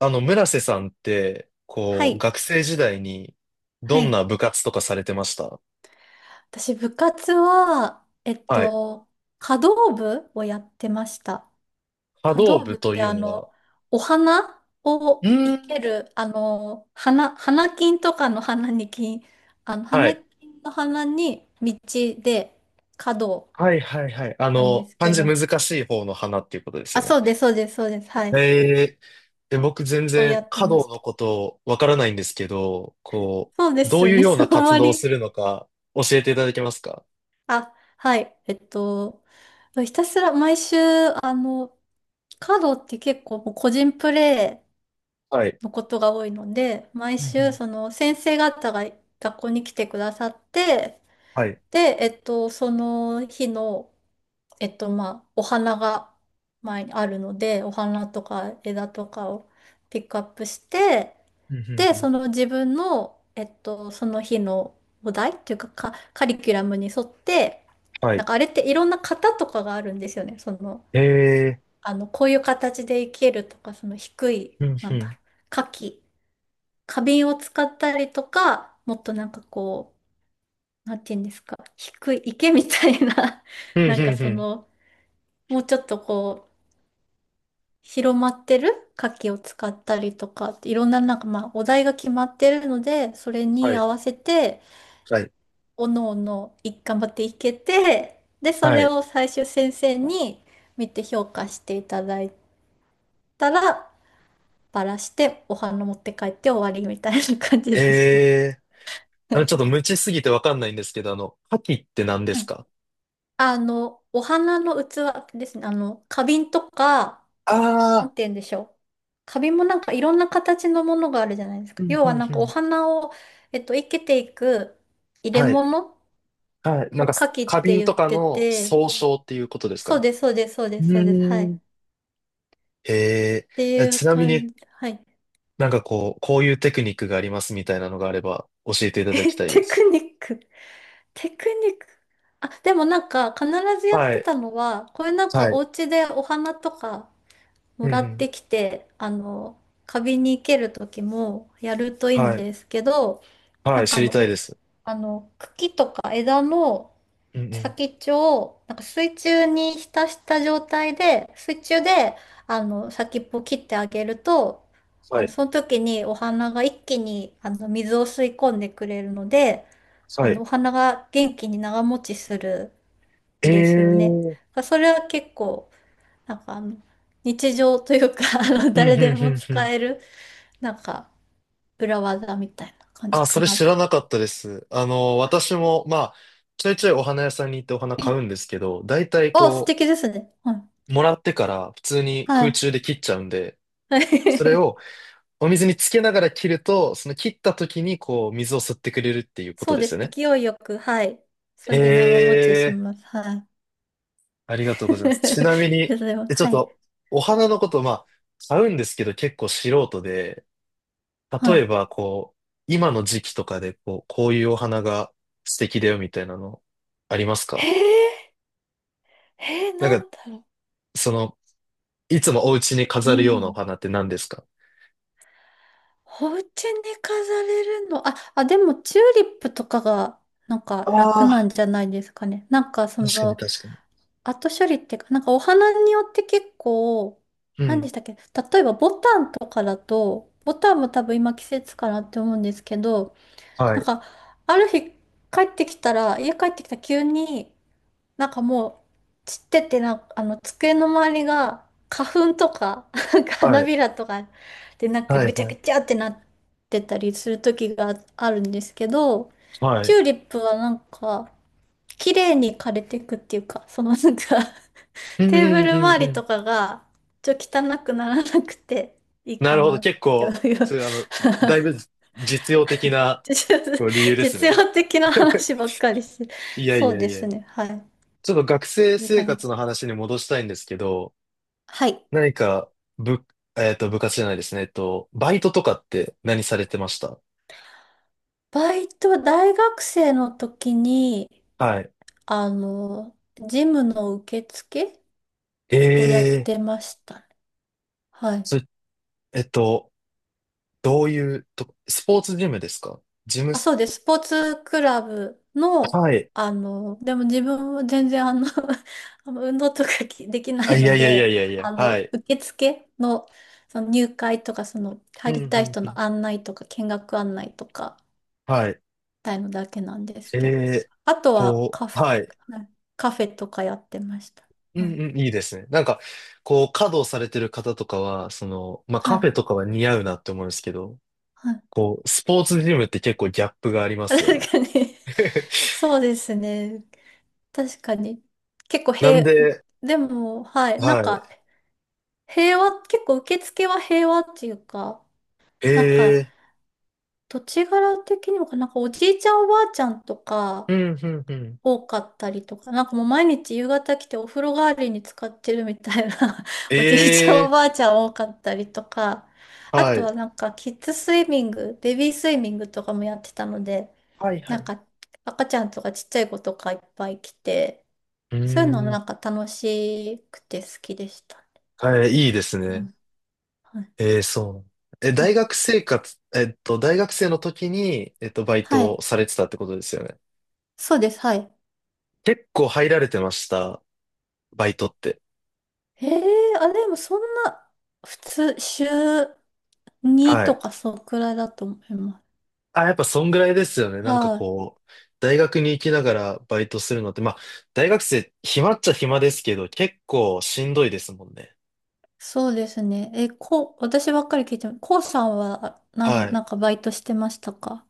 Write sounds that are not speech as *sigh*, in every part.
村瀬さんって、はこう、い。学生時代に、どはんい。な部活とかされてました？私、部活は、はい。華道部をやってました。波華道動部部っとて、いうのは、お花うをー生けん。る、花金とかの花に金、は花い。金の花に道で華道はいはいはい。なんです漢け字難ど、しい方の花っていうことですあ、よね。そうです、そうです、そうです。はい。え僕全をや然って華ま道しのた。ことわからないんですけど、こそうでう、どすうよいうね。*laughs* ようあなん活ま動をりするのか教えていただけますか？あ、はい。ひたすら毎週、カードって結構もう個人プレはい。イのことが多いので、毎うんう週、ん。その先生方が学校に来てくださって、はい。で、その日の、まあ、お花が前にあるので、お花とか枝とかをピックアップして、うんうんで、うん。その自分の、その日のお題っていうか、カリキュラムに沿って、はなんい。かあれっていろんな型とかがあるんですよね。その、えこういう形で生けるとか、その低い、うなんんうだろん。う、花器、花瓶を使ったりとか、もっとなんかこう、なんていうんですか、低い池みたいな、うん *laughs* うなんかんそうん。の、もうちょっとこう、広まってる花器を使ったりとかって、いろんななんかまあ、お題が決まってるので、それはにい。合わせて、はい。おのおのい頑張っていけて、で、そはれい。を最終先生に見て評価していただいたら、バラしてお花持って帰って終わりみたいな感じでえすね。え。ちょっと無知すぎてわかんないんですけど、カキって何でうすん。か？お花の器ですね。花瓶とか、なああんて言うんでしょう。花瓶もなんかいろんな形のものがあるじゃないですか。ー、うん要うはんなんかうおん。花を、生けていく入れはい。物はい。なんをか、花器っ花て瓶言っとかてのて、総称っていうことですかそうね。です、そうです、そううです、そうです。ーはん。い。へえ。ていちうなみ感に、じ。はい。なんかこう、こういうテクニックがありますみたいなのがあれば教えてい *laughs* ただきえ、たいでテクす。ニック。テクニック。あ、でもなんか必ずやっはてい。たのは、これなんかはい。お家でお花とかもうんうらっん。てきて、花瓶に生ける時もやるといいんはい。ですけど、はない。んか知ありの、たいでおす。あの、茎とか枝のうんうん。先っちょをなんか水中に浸した状態で、水中で先っぽを切ってあげると、はい。その時にお花が一気に水を吸い込んでくれるので、はい。お花が元気に長持ちするんですよね。ええ。だからそれは結構、なんかあの日常というか、 *laughs* うんう誰んでうもんう使ん。える、なんか裏技みたいな感じあ、そかれな知っらて。なかったです。私も、まあ、ちょいちょいお花屋さんに行ってお花買うんですけど、大体あ、素こ敵ですね。はい。う、もらってから普通に空は中で切っちゃうんで、それい。*laughs* をお水につけながら切ると、その切った時にこう、水を吸ってくれるっていうこそとうでですす。よね。勢いよく、はい。それで長え持ちしえ、ます。はい。ありがとうございます。ち *laughs* なみそに、れは、ちょっはい。と、お花のこと、まあ、買うんですけど結構素人で、は例えい。ばこう、今の時期とかでこう、こういうお花が素敵だよみたいなのありますへか？え、へえ、ななんか、んだろう。その、いつもお家に飾今るようなおの。花って何ですか？お家に飾れるの。あ、あ、でも、チューリップとかが、なんか楽なああんじゃないですかね。なんか、そー、確かにの、確かに。後処理っていうか、なんかお花によって結構、う何でん。したっけ。例えば、ボタンとかだと、ボタンも多分今季節かなって思うんですけど、はなんい。か、ある日帰ってきたら、家帰ってきたら急に、なんかもう散っててな、机の周りが花粉とか、なんかは花い。びらとかで、なんかはい、ぐちゃはぐい。ちゃってなってたりする時があるんですけど、はチい。ューリップはなんか、綺麗に枯れていくっていうか、そのなんか、 う *laughs* んうんテーブルうんう周りん。とかが、ちょっと汚くならなくていいなかるほど。なっ結て構、いそう。 ういう、だい *laughs* ぶ実用的 *laughs* な実こう理由です実ね。用的な *laughs* 話ばっかりして。いやいそうやでいや。すね。はい。ちょっと学生いう生感じ。活の話に戻したいんですけど、はい。何か、部、えっと、部活じゃないですね。バイトとかって何されてました？バイト、大学生の時に、はい。あの、ジムの受付をやっええ。てましたね。はい。それ、えっと、どういうとこ、スポーツジムですか？ジムあ、ス、そうです。スポーツクラブの、はい。でも自分は全然*laughs* 運動とかできなあ、いいやのいやいやで、いやいや、はい。受付の、その入会とか、その、うん、入りうたいん、人うのん。案内とか、見学案内とか、はい。たいのだけなんですえけど。ーあとはこカう、フはい。ェ、はいカフェとかやってました。うはん、い。うん、いいですね。なんか、こう、稼働されてる方とかは、その、まあ、はカフェい。とかは似合うなって思うんですけど、はい。こう、スポーツジムって結構ギャップがありま *laughs* すよ確ね。かに。 *laughs* そうですね。確かに。結構なん平、で、でも、はい。なはんか、い。平和、結構受付は平和っていうか、なんえか、ー土地柄的にもかな、なんかおじいちゃんおばあちゃんとか、うん、うん、うん。多かったりとか、なんかもう毎日夕方来てお風呂代わりに使ってるみたいな、 え *laughs* おじいちゃんおーばあちゃん多かったりとか、あはとはい。なんかキッズスイミング、ベビースイミングとかもやってたので、はい、はなんい。か赤ちゃんとかちっちゃい子とかいっぱい来て、うーそういうのん。なんか楽しくて好きでした。はい、いいですうね。ん。はい。ええ、そう。う大ん。学生活、大学生の時に、バイはトをい。されてたってことですよね。そうです。はい。結構入られてました？バイトって。ええーあ、でもそんな、普通、週2はとい。かそのくらいだと思います。あ、やっぱそんぐらいですよね。なんかはい。こう、大学に行きながらバイトするのって、まあ、大学生、暇っちゃ暇ですけど、結構しんどいですもんね。そうですね。え、こう、私ばっかり聞いても、こうさんは、なはん、ない。んかバイトしてましたか？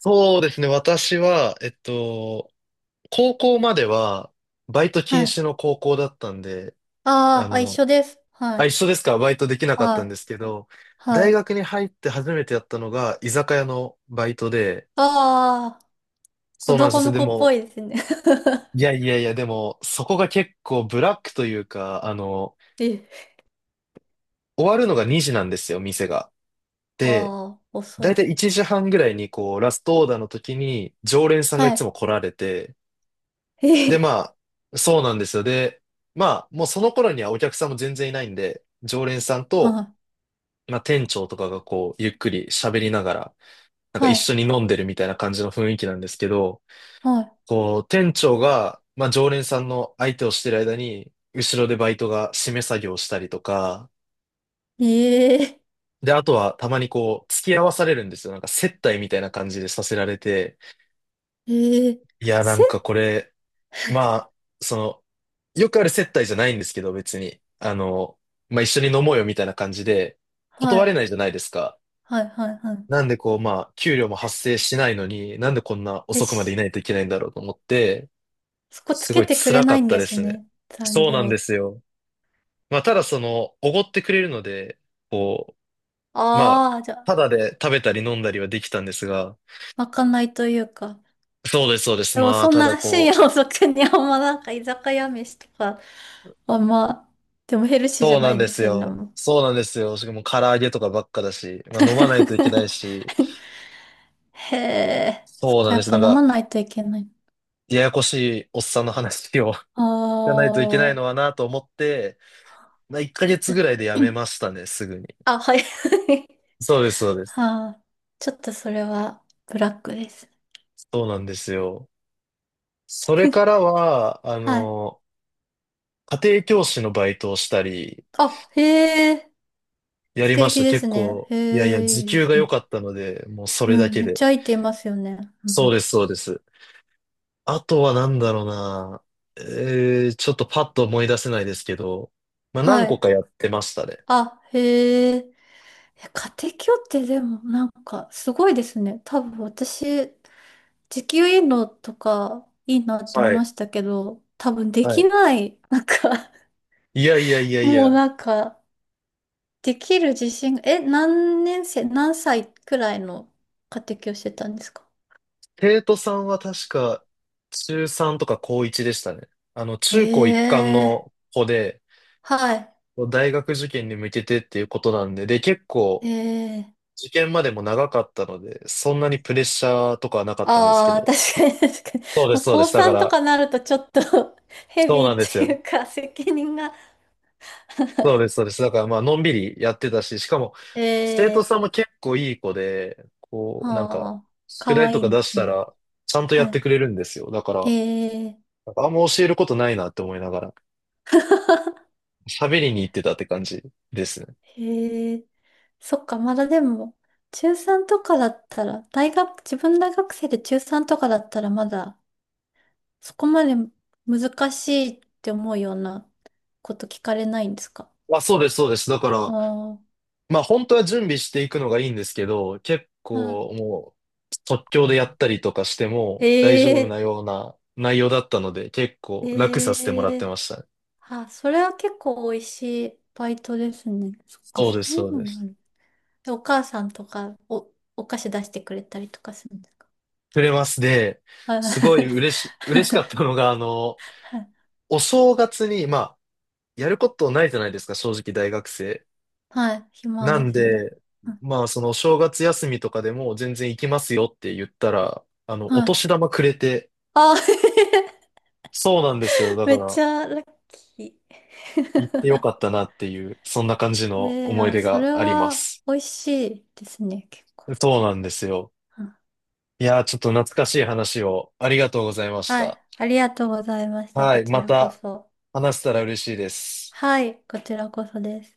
そうですね。私は、高校までは、バイトは禁い。止の高校だったんで、ああーあ、一の、緒です。はあ、一い。緒ですか？バイトできなかっはたんい。ですけど、は大い。学に入って初めてやったのが居酒屋のバイトで、ああ、子そうなんで供すよ。ので子っぽも、いですね。いやいやいや、でも、そこが結構ブラックというか、*laughs* え、終わるのが2時なんですよ、店が。で、ああ、遅だいい。たい1時半ぐらいに、こう、ラストオーダーの時に、常連さんがいはつい。も来られて、えで、え、まあ、そうなんですよ。で、まあ、もうその頃にはお客さんも全然いないんで、常連さんはと、い。まあ、店長とかがこう、ゆっくり喋りながら、なんかは一い。緒に飲んでるみたいな感じの雰囲気なんですけど、はこう、店長が、まあ、常連さんの相手をしてる間に、後ろでバイトが締め作業をしたりとか、い。ええ、で、あとはたまにこう、付き合わされるんですよ。なんか接待みたいな感じでさせられて、ええ、いや、なせ、んかこれ、まあ、その、よくある接待じゃないんですけど、別に。まあ、一緒に飲もうよみたいな感じで、は断れい。ないじゃないですか。はい。はい。はい。なんでこう、まあ、給料も発生しないのに、なんでこんなえ、遅くまでいし、ないといけないんだろうと思って、そこつすけごいてくれ辛かないっんたでですすね。ね。残そうなんで業。すよ。まあ、ただその、おごってくれるので、こう、まあ、ああ、じゃたあ、だで食べたり飲んだりはできたんですが、まかないというか。そうです、そうです。でもまあ、そんただな深こ夜遅くにあんまなんか居酒屋飯とか、あんま、でもヘルう、シーじそゃうななんいでですすよね。よ。もう。 そうなんですよ。しかも唐揚げとかばっかだし、まあ、飲まないといけない *laughs* し、へえ、そそうなこんやでっす。ぱなん飲まか、ないといけない。ややこしいおっさんの話を *laughs* 聞あかないといけないー。 のはなと思って、まあ、1ヶ月ぐら *coughs* い *clears throat* でやめましたね、すぐに。あ、はい。*laughs* そうです、そうです。はあ、ちょっとそれはブラックです。そうなんですよ。それ *laughs* からは、はい。家庭教師のバイトをしたり、あ、へえ、や素りまし敵た。で結すね。構、へいやいや、え、時いいで給がす良ね。かったので、もうそれうだん、けめっで。ちゃいいていますよね。うそうん、です、そうです。あとはなんだろうな。ちょっとパッと思い出せないですけど、まあは何個い。かやってましたね。あ、へえ。え家庭教ってでもなんかすごいですね。多分私、時給いいのとかいいなって思はいまい。したけど、多分ではきい。ない。*laughs* なんか。 いやいやい *laughs* やいもうや。なんか、できる自信が、え、何年生、何歳くらいの家庭教してたんですか？生徒さんは確か、中3とか高1でしたね。中高一貫ええ。の子で、はい。大学受験に向けてっていうことなんで、で、結構、ええ。受験までも長かったので、そんなにプレッシャーとかはなかったんですけああ、ど。確かに確かに。そうでもす、うそうで高す。だか3とら、かなるとちょっと、 *laughs* ヘそうビーなんっですていよ。うか責任が。 そうです、そうです。だから、まあ、のんびりやってたし、しかも、生徒 *laughs* えさんえ。も結構いい子で、こあう、なんか、あ、宿か題わといいかん出でしすたね。ら、ちゃんとやはってい。くれるんですよ。だから、へえ。なんかあんま教えることないなって思いながら、*laughs* 喋りに行ってたって感じですね。へえ。そっか、まだでも、中3とかだったら、大学、自分大学生で中3とかだったら、まだ、そこまで難しいって思うようなこと聞かれないんですか？あ、そうです、そうです。だから、ああ、まあ本当は準備していくのがいいんですけど、結うん。構もう即興でやったりとかしてへも大丈夫え、なような内容だったので、結構楽へさせてもらってえ。ましたね。あ、それは結構美味しいバイトですね。そっか、そうでそす、ういそううのでがあす。る。で、お母さんとか、お菓子出してくれたりとかするんですか？触れますで、はい。すごい嬉しかっ *laughs* たのが、お正月に、まあ、やることないじゃないですか、正直大学生。はい。暇なでんすね。で、うん。まあ、そのお正月休みとかでも全然行きますよって言ったら、おはい。年玉くれて、あ、そうなんですよ。*laughs* だめかっちら、ゃラッキ行ってよかったなっていう、そんな感じー。*laughs* の思いあ、出そがれありまはす。美味しいですね、結構。そうなんですよ。うん。いやー、ちょっと懐かしい話をありがとうございましはた。い。ありがとうございました。はこい、ちまらこたそ。話せたら嬉しいです。はい。こちらこそです。